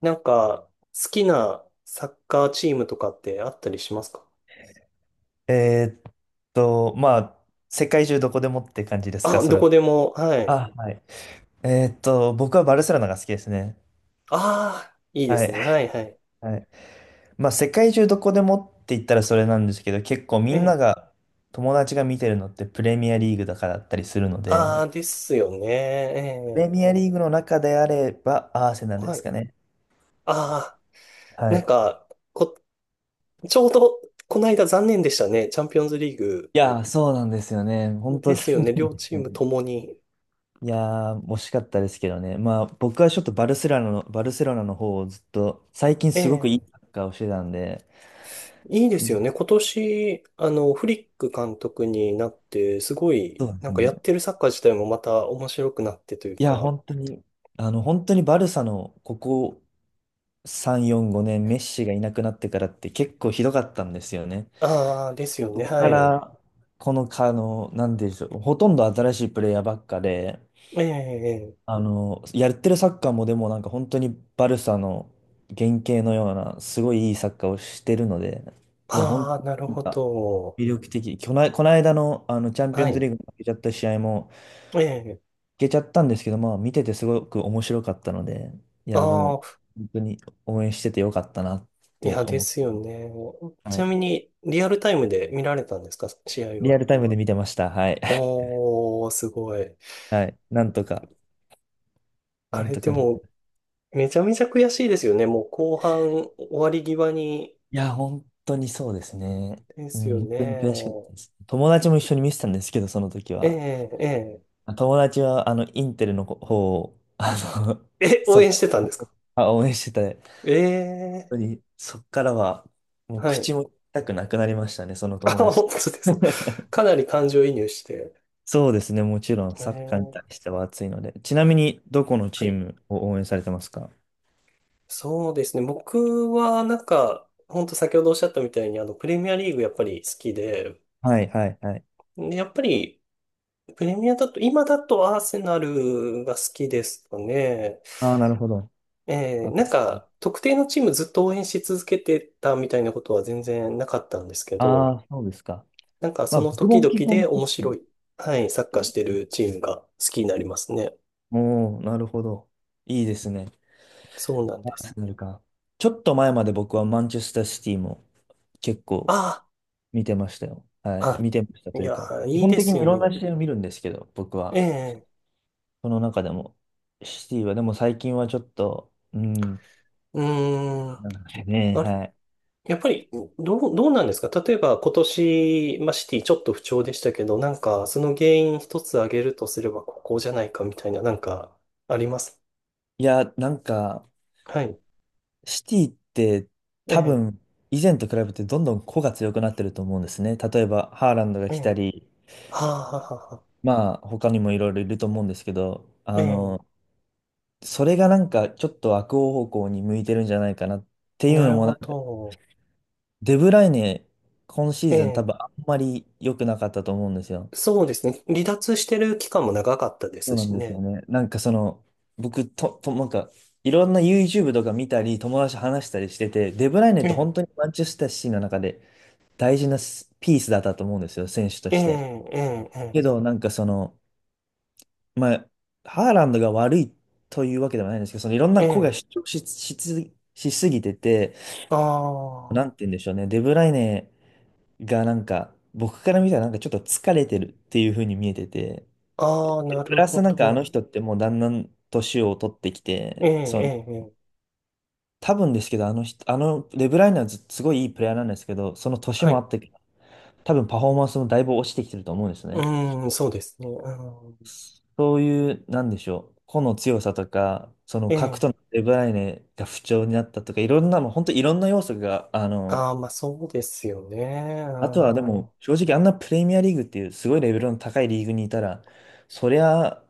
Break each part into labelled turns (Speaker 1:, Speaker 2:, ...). Speaker 1: なんか、好きなサッカーチームとかってあったりしますか？
Speaker 2: えーっまあ、世界中どこでもって感じですか、
Speaker 1: あ、
Speaker 2: そ
Speaker 1: ど
Speaker 2: れ。
Speaker 1: こでも、はい。
Speaker 2: あ、はい。僕はバルセロナが好きですね。
Speaker 1: ああ、いいで
Speaker 2: は
Speaker 1: す
Speaker 2: い。
Speaker 1: ね。はい、はい。
Speaker 2: はい。まあ、世界中どこでもって言ったらそれなんですけど、結構み
Speaker 1: え
Speaker 2: んな
Speaker 1: え。
Speaker 2: が、友達が見てるのってプレミアリーグだからだったりするの
Speaker 1: あ
Speaker 2: で、
Speaker 1: あ、ですよね。え
Speaker 2: プレ
Speaker 1: え。
Speaker 2: ミアリーグの中であればアーセナルで
Speaker 1: は
Speaker 2: す
Speaker 1: い。
Speaker 2: かね。
Speaker 1: ああ、
Speaker 2: は
Speaker 1: なん
Speaker 2: い。
Speaker 1: か、こ、ちょうど、この間残念でしたね。チャンピオンズリーグ。
Speaker 2: いやー、そうなんですよね。本当
Speaker 1: で
Speaker 2: に。
Speaker 1: すよね。両チー ムともに。
Speaker 2: いやー、惜しかったですけどね。まあ、僕はちょっとバルセロナの方をずっと、最近
Speaker 1: え
Speaker 2: すごくいい
Speaker 1: え。
Speaker 2: サッカーをしてたんで、
Speaker 1: いいで
Speaker 2: ず
Speaker 1: すよね。
Speaker 2: っ
Speaker 1: 今年、フリック監督になって、すごい、
Speaker 2: とで
Speaker 1: な
Speaker 2: す
Speaker 1: んか
Speaker 2: ね。
Speaker 1: やってるサッカー自体もまた面白くなってという
Speaker 2: いや、
Speaker 1: か、
Speaker 2: 本当に、本当にバルサのここ3、4、5年、メッシがいなくなってからって結構ひどかったんですよね。
Speaker 1: ああ、ですよ
Speaker 2: そ
Speaker 1: ね。
Speaker 2: こ
Speaker 1: は
Speaker 2: か
Speaker 1: い。
Speaker 2: ら、この、かあの、なんでしょう、ほとんど新しいプレイヤーばっかで、
Speaker 1: ええ、
Speaker 2: やってるサッカーもでもなんか本当にバルサの原型のような、すごいいいサッカーをしてるので、いや、本当
Speaker 1: ああ、
Speaker 2: に
Speaker 1: なる
Speaker 2: なん
Speaker 1: ほ
Speaker 2: か
Speaker 1: ど。
Speaker 2: 魅力的。この間の、あのチャンピオ
Speaker 1: は
Speaker 2: ンズ
Speaker 1: い。
Speaker 2: リーグに負けちゃった試合も負
Speaker 1: ええ、
Speaker 2: けちゃったんですけど、まあ見ててすごく面白かったので、いや、で
Speaker 1: あ
Speaker 2: も
Speaker 1: あ、
Speaker 2: 本当に応援しててよかったなっ
Speaker 1: い
Speaker 2: て
Speaker 1: や、で
Speaker 2: 思っ
Speaker 1: すよ
Speaker 2: て、
Speaker 1: ね。ち
Speaker 2: は
Speaker 1: な
Speaker 2: い。
Speaker 1: みに、リアルタイムで見られたんですか、試合
Speaker 2: リア
Speaker 1: は？
Speaker 2: ルタイムで見てました。はい。
Speaker 1: おー、すごい。
Speaker 2: はい。なんとか、
Speaker 1: あ
Speaker 2: なん
Speaker 1: れ、
Speaker 2: と
Speaker 1: で
Speaker 2: か。
Speaker 1: も、めちゃめちゃ悔しいですよね。もう後半終わり際に。
Speaker 2: いや、本当にそうですね。
Speaker 1: で
Speaker 2: う
Speaker 1: す
Speaker 2: ん、
Speaker 1: よ
Speaker 2: 本当に悔しかっ
Speaker 1: ね。
Speaker 2: たです。友達も一緒に見てたんですけど、その時
Speaker 1: え
Speaker 2: は。
Speaker 1: え、ええ。
Speaker 2: 友達は、インテルの方を、の、
Speaker 1: え、応
Speaker 2: そ、
Speaker 1: 援してたんですか？
Speaker 2: 応援してた。本
Speaker 1: え
Speaker 2: 当
Speaker 1: え、
Speaker 2: に、そっからは、もう
Speaker 1: は
Speaker 2: 口
Speaker 1: い。
Speaker 2: も痛くなくなりましたね、その
Speaker 1: あ、
Speaker 2: 友
Speaker 1: 本
Speaker 2: 達。
Speaker 1: 当ですか？か なり感情移入して。
Speaker 2: そうですね、もちろん、
Speaker 1: え
Speaker 2: サッカーに対
Speaker 1: え、
Speaker 2: しては熱いので。ちなみに、どこの
Speaker 1: は
Speaker 2: チー
Speaker 1: い。
Speaker 2: ムを応援されてますか？
Speaker 1: そうですね。僕はなんか、ほんと先ほどおっしゃったみたいに、プレミアリーグやっぱり好きで、
Speaker 2: はいはいはい。
Speaker 1: でやっぱり、プレミアだと、今だとアーセナルが好きですかね。
Speaker 2: ああ、なるほど。あ
Speaker 1: なんか、特定のチームずっと応援し続けてたみたいなことは全然なかったんですけど、
Speaker 2: あー、そうですか。
Speaker 1: なんか
Speaker 2: ま
Speaker 1: そ
Speaker 2: あ、
Speaker 1: の
Speaker 2: 僕
Speaker 1: 時
Speaker 2: も
Speaker 1: 々
Speaker 2: 基本、
Speaker 1: で面
Speaker 2: 確か
Speaker 1: 白
Speaker 2: に。
Speaker 1: い、はい、サッカーしてるチームが好きになりますね。
Speaker 2: おー、なるほど。いいですね。
Speaker 1: そうなん
Speaker 2: ア
Speaker 1: で
Speaker 2: ー
Speaker 1: す。
Speaker 2: セナルか。ちょっと前まで僕はマンチェスターシティも結構
Speaker 1: あ
Speaker 2: 見てましたよ。はい。
Speaker 1: あ、
Speaker 2: 見てました
Speaker 1: あ、
Speaker 2: と
Speaker 1: い
Speaker 2: いう
Speaker 1: や、
Speaker 2: か、基
Speaker 1: いい
Speaker 2: 本
Speaker 1: で
Speaker 2: 的
Speaker 1: す
Speaker 2: に
Speaker 1: よ
Speaker 2: いろ
Speaker 1: ね。
Speaker 2: んな試合を見るんですけど、僕
Speaker 1: え
Speaker 2: は。
Speaker 1: え、
Speaker 2: その中でも、シティは、でも最近はちょっと、うん、
Speaker 1: うーん。
Speaker 2: なんかね、
Speaker 1: あれ
Speaker 2: はい。
Speaker 1: やっぱり、どうなんですか、例えば今年、まあ、シティちょっと不調でしたけど、なんかその原因一つ挙げるとすればここじゃないかみたいな、なんかあります？
Speaker 2: いや、なんか、
Speaker 1: はい。
Speaker 2: シティって
Speaker 1: え
Speaker 2: 多
Speaker 1: え、
Speaker 2: 分、以前と比べてどんどん個が強くなってると思うんですね。例えば、ハーランドが
Speaker 1: え
Speaker 2: 来た
Speaker 1: え、
Speaker 2: り、
Speaker 1: はあ、はあ、はあは
Speaker 2: まあ、他にもいろいろいると思うんですけど、
Speaker 1: あ、ええ、
Speaker 2: それがなんかちょっと悪方向に向いてるんじゃないかなっていう
Speaker 1: な
Speaker 2: の
Speaker 1: る
Speaker 2: もな
Speaker 1: ほ
Speaker 2: んか、
Speaker 1: ど。
Speaker 2: デブライネ、今シー
Speaker 1: え
Speaker 2: ズン多
Speaker 1: え、
Speaker 2: 分あんまり良くなかったと思うんですよ。
Speaker 1: そうですね。離脱してる期間も長かったで
Speaker 2: そ
Speaker 1: す
Speaker 2: うな
Speaker 1: し
Speaker 2: んですよ
Speaker 1: ね。
Speaker 2: ね。なんかその、僕と、なんか、いろんな YouTube とか見たり、友達と話したりしてて、デブライネ
Speaker 1: え
Speaker 2: って
Speaker 1: え、
Speaker 2: 本当にマンチェスターシティの中で大事なスピースだったと思うんですよ、選手と
Speaker 1: え
Speaker 2: して。
Speaker 1: え、ええ、え
Speaker 2: けど、なんかその、まあ、ハーランドが悪いというわけではないんですけど、そのいろんな子が
Speaker 1: え、え
Speaker 2: 主
Speaker 1: え。
Speaker 2: 張しすぎてて、
Speaker 1: あ
Speaker 2: なんて言うんでしょうね。デブライネがなんか、僕から見たらなんかちょっと疲れてるっていう風に見えてて、
Speaker 1: あ、ああ、な
Speaker 2: プ
Speaker 1: る
Speaker 2: ラ
Speaker 1: ほ
Speaker 2: スなんかあの
Speaker 1: ど。
Speaker 2: 人ってもうだんだん年を取ってき
Speaker 1: ええ、
Speaker 2: て、そ
Speaker 1: え
Speaker 2: の、
Speaker 1: え、ええ。
Speaker 2: 多分ですけど、あの人、デブライネはずすごいいいプレイヤーなんですけど、その年
Speaker 1: は
Speaker 2: もあ
Speaker 1: い。
Speaker 2: って、多分パフォーマンスもだいぶ落ちてきてると思うんです
Speaker 1: う
Speaker 2: ね。
Speaker 1: ーん、そうですね。うん。
Speaker 2: そういう、なんでしょう。個の強さとか、その核
Speaker 1: え
Speaker 2: との
Speaker 1: え。
Speaker 2: デブライネが不調になったとか、いろんなもう、本当いろんな要素が、
Speaker 1: ああ、まあそうですよね。あ
Speaker 2: あとはでも、
Speaker 1: あ、
Speaker 2: 正直あんなプレミアリーグっていうすごいレベルの高いリーグにいたら、そりゃ、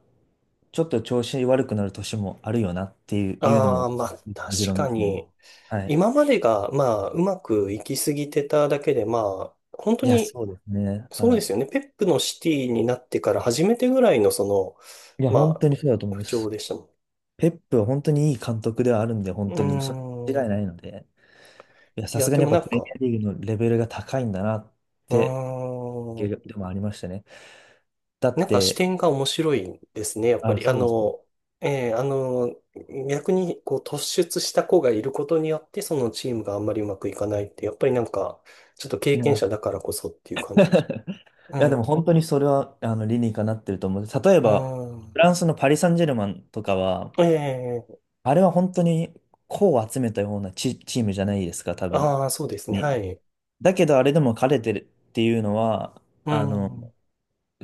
Speaker 2: ちょっと調子悪くなる年もあるよなっていういうの
Speaker 1: ああ
Speaker 2: も、
Speaker 1: まあ
Speaker 2: もち
Speaker 1: 確
Speaker 2: ろん
Speaker 1: か
Speaker 2: ですね。
Speaker 1: に。
Speaker 2: はい。
Speaker 1: 今までが、まあうまくいきすぎてただけで、まあ本当
Speaker 2: いや、
Speaker 1: に
Speaker 2: そうですね。
Speaker 1: そう
Speaker 2: は
Speaker 1: で
Speaker 2: い。
Speaker 1: すよね。ペップのシティになってから初めてぐらいのその、
Speaker 2: いや、本
Speaker 1: ま
Speaker 2: 当にそうだと
Speaker 1: あ
Speaker 2: 思い
Speaker 1: 不
Speaker 2: ま
Speaker 1: 調
Speaker 2: す。
Speaker 1: でしたも
Speaker 2: ペップは本当にいい監督ではあるん
Speaker 1: ん。
Speaker 2: で、本当に、それは間違い
Speaker 1: うー
Speaker 2: な
Speaker 1: ん。
Speaker 2: いので、いや、
Speaker 1: い
Speaker 2: さ
Speaker 1: や、
Speaker 2: すが
Speaker 1: で
Speaker 2: にやっ
Speaker 1: も
Speaker 2: ぱ
Speaker 1: な
Speaker 2: プ
Speaker 1: ん
Speaker 2: レミア
Speaker 1: か、
Speaker 2: リーグのレベルが高いんだなっ
Speaker 1: うー
Speaker 2: て、
Speaker 1: ん。
Speaker 2: でもありましたね。だっ
Speaker 1: なんか視
Speaker 2: て、
Speaker 1: 点が面白いんですね、やっぱ
Speaker 2: あ、
Speaker 1: り。
Speaker 2: そうですね。
Speaker 1: えーあの、逆にこう突出した子がいることによって、そのチームがあんまりうまくいかないって、やっぱりなんか、ちょっと経
Speaker 2: い
Speaker 1: 験
Speaker 2: や
Speaker 1: 者だからこそっていう感じがし。う
Speaker 2: いや、でも
Speaker 1: ん。
Speaker 2: 本当にそれは、理にかなってると思う。例えば、
Speaker 1: あ
Speaker 2: フランスのパリ・サンジェルマンとかは、
Speaker 1: ーええ。
Speaker 2: あれは本当にこを集めたようなチームじゃないですか、多分。
Speaker 1: ああー、そうですね。は
Speaker 2: に
Speaker 1: い。
Speaker 2: だけど、あれでも彼れてるっていうのは、
Speaker 1: う
Speaker 2: あの、
Speaker 1: ん。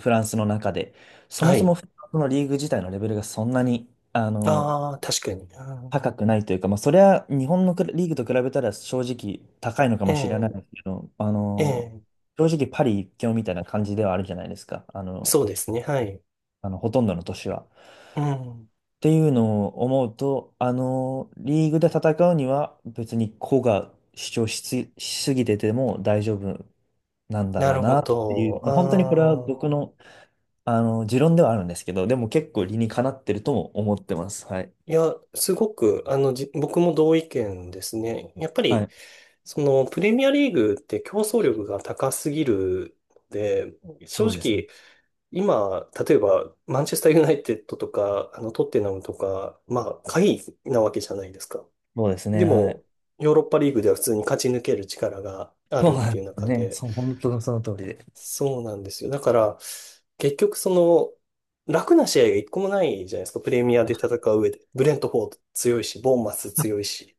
Speaker 2: フランスの中で、そも
Speaker 1: は
Speaker 2: そ
Speaker 1: い。
Speaker 2: もフランスのリーグ自体のレベルがそんなに、
Speaker 1: ああ、確かに。あー
Speaker 2: 高くないというか、まあ、それは日本のクラリーグと比べたら正直高いのか
Speaker 1: え
Speaker 2: もしれないですけど、
Speaker 1: えええ、
Speaker 2: 正直パリ一強みたいな感じではあるじゃないですか、
Speaker 1: そうですね。はい。
Speaker 2: ほとんどの年は。
Speaker 1: うん。
Speaker 2: っていうのを思うと、リーグで戦うには別に個が主張しすぎてても大丈夫なんだ
Speaker 1: な
Speaker 2: ろう
Speaker 1: る
Speaker 2: な
Speaker 1: ほ
Speaker 2: ってい
Speaker 1: ど。
Speaker 2: う、まあ、本当にこれは
Speaker 1: あ
Speaker 2: 僕
Speaker 1: あ。
Speaker 2: の、持論ではあるんですけど、でも結構理にかなってるとも思ってます。はい。
Speaker 1: いや、すごく、僕も同意見ですね。やっぱ
Speaker 2: は
Speaker 1: り、
Speaker 2: い。
Speaker 1: その、プレミアリーグって競争力が高すぎるので、正
Speaker 2: そうですね。
Speaker 1: 直、今、例えば、マンチェスターユナイテッドとか、トッテナムとか、まあ、下位なわけじゃないですか。
Speaker 2: そうですね。
Speaker 1: で
Speaker 2: はい。
Speaker 1: も、ヨーロッパリーグでは普通に勝ち抜ける力があ
Speaker 2: そう
Speaker 1: るっ
Speaker 2: な
Speaker 1: て
Speaker 2: ん
Speaker 1: いう
Speaker 2: です
Speaker 1: 中
Speaker 2: ね。
Speaker 1: で、
Speaker 2: そう、本当にその通りで。
Speaker 1: そうなんですよ。だから、結局その、楽な試合が一個もないじゃないですか。プレミアで戦う上で。ブレントフォード強いし、ボーンマス強いし。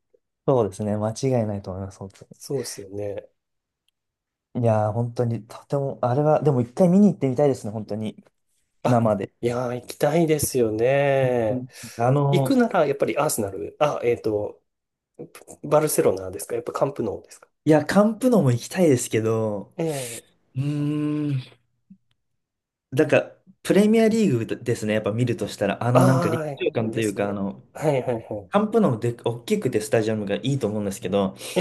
Speaker 2: そうですね。間違いないと思います。本当
Speaker 1: そうですよね。
Speaker 2: に。いやー、本当に、とても、あれは、でも一回見に行ってみたいですね。本当に。
Speaker 1: あ、
Speaker 2: 生で。
Speaker 1: いやー、行きたいですよ
Speaker 2: 本当
Speaker 1: ね。
Speaker 2: に。あ
Speaker 1: 行く
Speaker 2: の、
Speaker 1: なら、やっぱりアーセナル、あ、バルセロナですか？やっぱカンプノーですか？
Speaker 2: いや、カンプノも行きたいですけど、
Speaker 1: ええ。
Speaker 2: うーん。なんか、プレミアリーグですね、やっぱ見るとしたら、なんか
Speaker 1: あ
Speaker 2: 立場
Speaker 1: あー、
Speaker 2: 感と
Speaker 1: で
Speaker 2: いう
Speaker 1: す
Speaker 2: か、
Speaker 1: ね。はいはいは
Speaker 2: カンプノもで、大きくてスタジアムがいいと思うんですけど、
Speaker 1: い。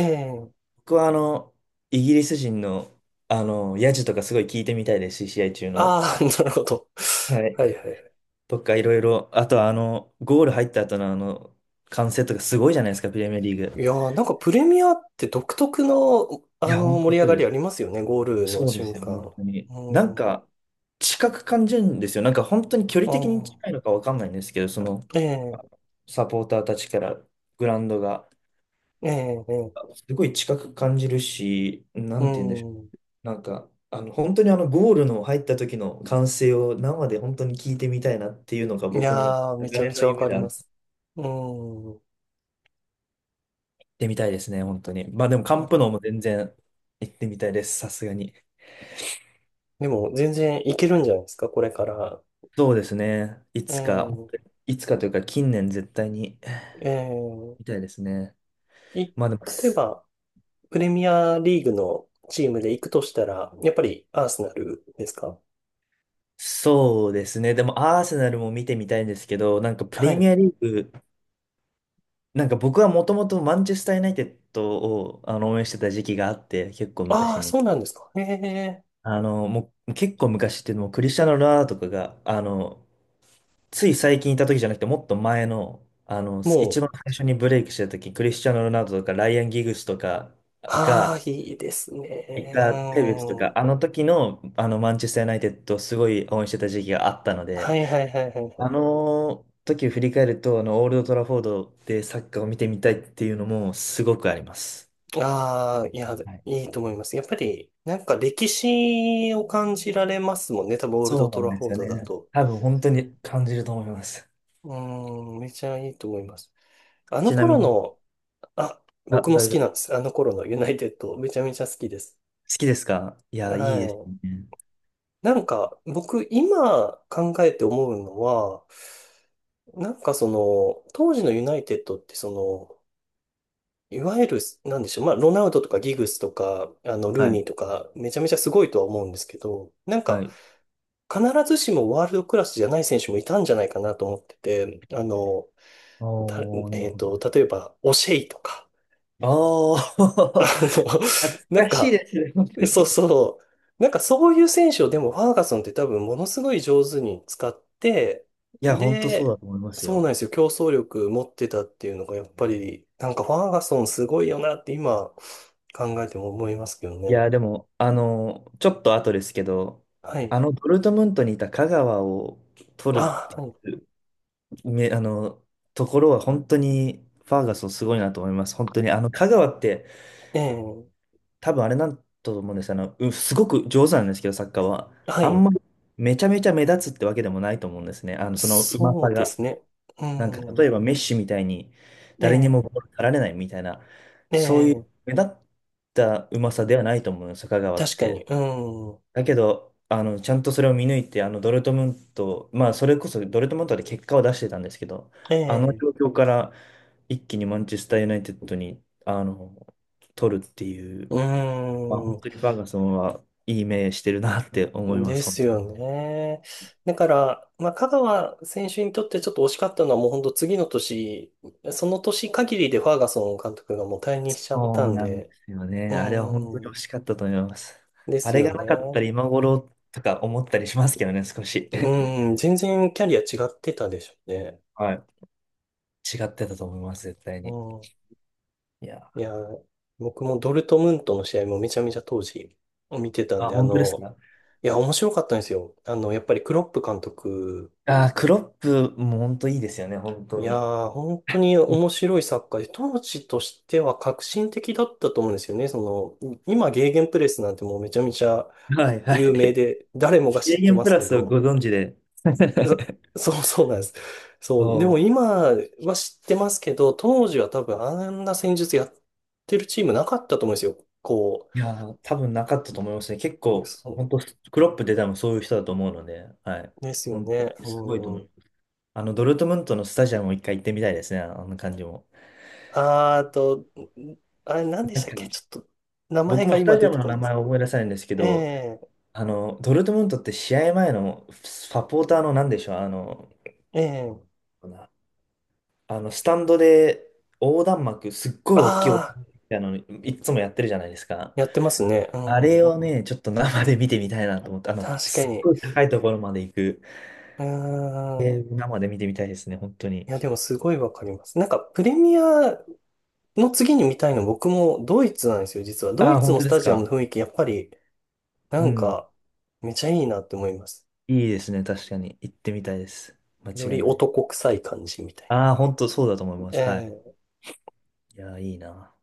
Speaker 1: ええ。
Speaker 2: 僕はイギリス人の、ヤジとかすごい聞いてみたいですし、試合中の。
Speaker 1: ああー、なるほど。
Speaker 2: は
Speaker 1: は
Speaker 2: い。
Speaker 1: いはいはい。
Speaker 2: とか、いろいろ、あとはゴール入った後の歓声とかすごいじゃないですか、プレミアリー
Speaker 1: い
Speaker 2: グ。
Speaker 1: やー、なんかプレミアって独特の、
Speaker 2: いや、本当
Speaker 1: 盛り上
Speaker 2: そう
Speaker 1: が
Speaker 2: で
Speaker 1: りあ
Speaker 2: す。
Speaker 1: りますよね、ゴールの
Speaker 2: そうで
Speaker 1: 瞬
Speaker 2: すよ、本
Speaker 1: 間。
Speaker 2: 当
Speaker 1: う
Speaker 2: に。なん
Speaker 1: ん。
Speaker 2: か、近く感じるんですよ。なんか、本当に距
Speaker 1: あ
Speaker 2: 離的に
Speaker 1: あ、
Speaker 2: 近いのかわかんないんですけど、その、
Speaker 1: ええ、
Speaker 2: サポーターたちからグラウンドが、
Speaker 1: ええ、ええ。
Speaker 2: すごい近く感じるし、な
Speaker 1: う
Speaker 2: んて言うんでしょ
Speaker 1: ん。
Speaker 2: う。なんか、本当にゴールの入った時の歓声を生で本当に聞いてみたいなっていうのが
Speaker 1: い
Speaker 2: 僕の
Speaker 1: やー、めち
Speaker 2: 長
Speaker 1: ゃめ
Speaker 2: 年
Speaker 1: ち
Speaker 2: の
Speaker 1: ゃわ
Speaker 2: 夢
Speaker 1: か
Speaker 2: で
Speaker 1: り
Speaker 2: あ
Speaker 1: ま
Speaker 2: る。行
Speaker 1: す。うん。
Speaker 2: ってみたいですね、本当に。まあでも、カンプノーも全然行ってみたいです、さすがに。
Speaker 1: でも、全然いけるんじゃないですか、これから。
Speaker 2: そうですね。い
Speaker 1: う
Speaker 2: つか、
Speaker 1: ん。
Speaker 2: いつかというか、近年絶対に。
Speaker 1: え
Speaker 2: み
Speaker 1: え。
Speaker 2: たいですね。
Speaker 1: い、
Speaker 2: まあでも、
Speaker 1: 例えば、プレミアリーグのチームで行くとしたら、やっぱりアーセナルですか？
Speaker 2: そうですね。でも、アーセナルも見てみたいんですけど、なんかプ
Speaker 1: は
Speaker 2: レミ
Speaker 1: い。
Speaker 2: アリーグ、なんか僕はもともとマンチェスター・ユナイテッドを応援してた時期があって、結構
Speaker 1: あ
Speaker 2: 昔
Speaker 1: あ、
Speaker 2: に。
Speaker 1: そうなんですか。ええ。
Speaker 2: もう結構昔っていうのも、クリスチャーノ・ロナウドとかが、つい最近いた時じゃなくて、もっと前の、一
Speaker 1: もう、
Speaker 2: 番最初にブレイクしてた時、クリスチャーノ・ロナウドとかライアン・ギグスとかが、
Speaker 1: ああ、いいです
Speaker 2: い
Speaker 1: ね。
Speaker 2: たテベスと
Speaker 1: う
Speaker 2: か、
Speaker 1: ん。
Speaker 2: あの時の、あのマンチェスター・ユナイテッドをすごい応援してた時期があったの
Speaker 1: は
Speaker 2: で、
Speaker 1: いはいはいはい
Speaker 2: あ
Speaker 1: は
Speaker 2: の時を振り返ると、オールド・トラフォードでサッカーを見てみたいっていうのもすごくあります。
Speaker 1: い。ああ、いや、
Speaker 2: はい。
Speaker 1: いいと思います。やっぱり、なんか歴史を感じられますもんね。多分、オールド
Speaker 2: そうな
Speaker 1: ト
Speaker 2: ん
Speaker 1: ラ
Speaker 2: で
Speaker 1: フォ
Speaker 2: す
Speaker 1: ー
Speaker 2: よ
Speaker 1: ドだ
Speaker 2: ね。
Speaker 1: と。
Speaker 2: 多分本当に感じると思います。
Speaker 1: うん、めちゃいいと思います。あの
Speaker 2: ちなみ
Speaker 1: 頃
Speaker 2: に、
Speaker 1: の、あ、
Speaker 2: あ、
Speaker 1: 僕も
Speaker 2: 大
Speaker 1: 好
Speaker 2: 丈
Speaker 1: き
Speaker 2: 夫。
Speaker 1: なん
Speaker 2: 好
Speaker 1: です。あの頃のユナイテッド、めちゃめちゃ好きです。
Speaker 2: きですか。いや、いいです
Speaker 1: は
Speaker 2: ね。
Speaker 1: い。なんか、僕、今考えて思うのは、なんかその、当時のユナイテッドってその、いわゆる、なんでしょう。まあ、ロナウドとかギグスとか、ルー
Speaker 2: は
Speaker 1: ニ
Speaker 2: い。
Speaker 1: ーとか、めちゃめちゃすごいとは思うんですけど、なん
Speaker 2: は
Speaker 1: か、
Speaker 2: い。
Speaker 1: 必ずしもワールドクラスじゃない選手もいたんじゃないかなと思ってて、だ、
Speaker 2: おー、なるほど。
Speaker 1: 例えば、オシェイとか、
Speaker 2: ああ、
Speaker 1: あの、
Speaker 2: 懐
Speaker 1: なん
Speaker 2: かしい
Speaker 1: か、
Speaker 2: ですね、本当
Speaker 1: そう
Speaker 2: に。
Speaker 1: そう、なんかそういう選手をでもファーガソンって多分ものすごい上手に使って、
Speaker 2: いや、本当そうだ
Speaker 1: で、
Speaker 2: と思います
Speaker 1: そうな
Speaker 2: よ。
Speaker 1: んですよ。競争力持ってたっていうのがやっぱり、なんかファーガソンすごいよなって今考えても思いますけど
Speaker 2: い
Speaker 1: ね。
Speaker 2: や、でも、ちょっと後ですけど、
Speaker 1: はい。
Speaker 2: ドルトムントにいた香川を取る、
Speaker 1: あ、は
Speaker 2: め、あの、ところは本当にファーガソンすごいなと思います。本当に、香川って
Speaker 1: い。ええ、
Speaker 2: 多分あれなんだと思うんです。すごく上手なんですけど、サッカーは。
Speaker 1: は
Speaker 2: あん
Speaker 1: い。
Speaker 2: まりめちゃめちゃ目立つってわけでもないと思うんですね。そのうま
Speaker 1: そ
Speaker 2: さ
Speaker 1: うで
Speaker 2: が。
Speaker 1: すね。う
Speaker 2: なんか、例えば
Speaker 1: ん。
Speaker 2: メッシみたいに
Speaker 1: え
Speaker 2: 誰にも
Speaker 1: え、
Speaker 2: ボール取られないみたいな、
Speaker 1: え
Speaker 2: そういう
Speaker 1: え、
Speaker 2: 目立ったうまさではないと思うんですよ、香川っ
Speaker 1: 確かに。
Speaker 2: て。
Speaker 1: うん。
Speaker 2: だけど、ちゃんとそれを見抜いて、ドルトムント、まあ、それこそドルトムントで結果を出してたんですけど、
Speaker 1: え
Speaker 2: あの
Speaker 1: え、
Speaker 2: 状況から一気にマンチェスター・ユナイテッドに、取るっていう、
Speaker 1: う
Speaker 2: まあ、本
Speaker 1: ん。
Speaker 2: 当にファーガソンはいい目してるなって思いま
Speaker 1: で
Speaker 2: す、本
Speaker 1: す
Speaker 2: 当に。
Speaker 1: よね。だから、まあ、香川選手にとってちょっと惜しかったのはもう本当次の年、その年限りでファーガソン監督がもう退任しちゃった
Speaker 2: そう
Speaker 1: ん
Speaker 2: なんで
Speaker 1: で、
Speaker 2: すよ
Speaker 1: う
Speaker 2: ね。あれは本当に惜
Speaker 1: ん。
Speaker 2: しかったと思います。
Speaker 1: で
Speaker 2: あ
Speaker 1: す
Speaker 2: れが
Speaker 1: よ
Speaker 2: なかったら
Speaker 1: ね。
Speaker 2: 今頃とか思ったりしますけどね、少し。
Speaker 1: うん。全然キャリア違ってたでしょうね。
Speaker 2: はい。違ってたと思います、絶対
Speaker 1: う
Speaker 2: に。
Speaker 1: ん。
Speaker 2: いや、
Speaker 1: いやー、僕もドルトムントの試合もめちゃめちゃ当時見てたん
Speaker 2: あ、
Speaker 1: で、
Speaker 2: 本当ですか。
Speaker 1: いや、面白かったんですよ。やっぱりクロップ監督、
Speaker 2: ああ、クロップも本当いいですよね、本
Speaker 1: い
Speaker 2: 当
Speaker 1: や
Speaker 2: に。
Speaker 1: ー、本当に面白いサッカーで、当時としては革新的だったと思うんですよね。その、今、ゲーゲンプレスなんてもうめちゃめちゃ
Speaker 2: はいは
Speaker 1: 有名
Speaker 2: い。
Speaker 1: で、誰もが知っ
Speaker 2: a
Speaker 1: て
Speaker 2: m
Speaker 1: ま
Speaker 2: プ
Speaker 1: す
Speaker 2: ラ
Speaker 1: け
Speaker 2: スをご
Speaker 1: ど、
Speaker 2: 存知で。
Speaker 1: そ そうそうなんです。
Speaker 2: お
Speaker 1: そう、でも
Speaker 2: ー、
Speaker 1: 今は知ってますけど、当時は多分あんな戦術やってるチームなかったと思うんですよ。こ
Speaker 2: いやー、多分なかったと思いますね。結
Speaker 1: う、
Speaker 2: 構、本
Speaker 1: そ
Speaker 2: 当クロップで多分そういう人だと思うので、はい。
Speaker 1: ですよ
Speaker 2: 本当
Speaker 1: ね。
Speaker 2: にすごいと
Speaker 1: う
Speaker 2: 思う。
Speaker 1: ん。
Speaker 2: ドルトムントのスタジアムを一回行ってみたいですね、あの感じも。
Speaker 1: あーと、んあれ何で
Speaker 2: な
Speaker 1: し
Speaker 2: ん
Speaker 1: たっ
Speaker 2: か、
Speaker 1: け、ちょっと名前
Speaker 2: 僕
Speaker 1: が
Speaker 2: もス
Speaker 1: 今
Speaker 2: タジ
Speaker 1: 出
Speaker 2: ア
Speaker 1: て
Speaker 2: ムの
Speaker 1: こな
Speaker 2: 名
Speaker 1: いです。
Speaker 2: 前を思い出さないんですけ
Speaker 1: え
Speaker 2: ど、
Speaker 1: え
Speaker 2: ドルトムントって試合前のサポーターの何でしょう、
Speaker 1: ええ。
Speaker 2: スタンドで横断幕、すっごい大きい横
Speaker 1: ああ
Speaker 2: 断幕みたいなの、いつもやってるじゃないですか。
Speaker 1: ー、やってますね。う
Speaker 2: あれ
Speaker 1: ん。
Speaker 2: をね、ちょっと生で見てみたいなと思って、
Speaker 1: 確か
Speaker 2: すっ
Speaker 1: に。
Speaker 2: ごい高いところまで行く。
Speaker 1: うん。
Speaker 2: 生で見てみたいですね、本当
Speaker 1: い
Speaker 2: に。
Speaker 1: や、でもすごいわかります。なんか、プレミアの次に見たいの僕もドイツなんですよ、実は。ド
Speaker 2: あ
Speaker 1: イ
Speaker 2: あ、
Speaker 1: ツ
Speaker 2: 本
Speaker 1: の
Speaker 2: 当
Speaker 1: ス
Speaker 2: で
Speaker 1: タ
Speaker 2: す
Speaker 1: ジアム
Speaker 2: か。
Speaker 1: の雰囲気、やっぱり、な
Speaker 2: う
Speaker 1: ん
Speaker 2: ん。
Speaker 1: か、めちゃいいなって思います。
Speaker 2: いいですね、確かに。行ってみたいです。間
Speaker 1: より
Speaker 2: 違いない。
Speaker 1: 男臭い感じみたいな。
Speaker 2: ああ、本当そうだと思います。はい。
Speaker 1: ええ。
Speaker 2: いやー、いいな。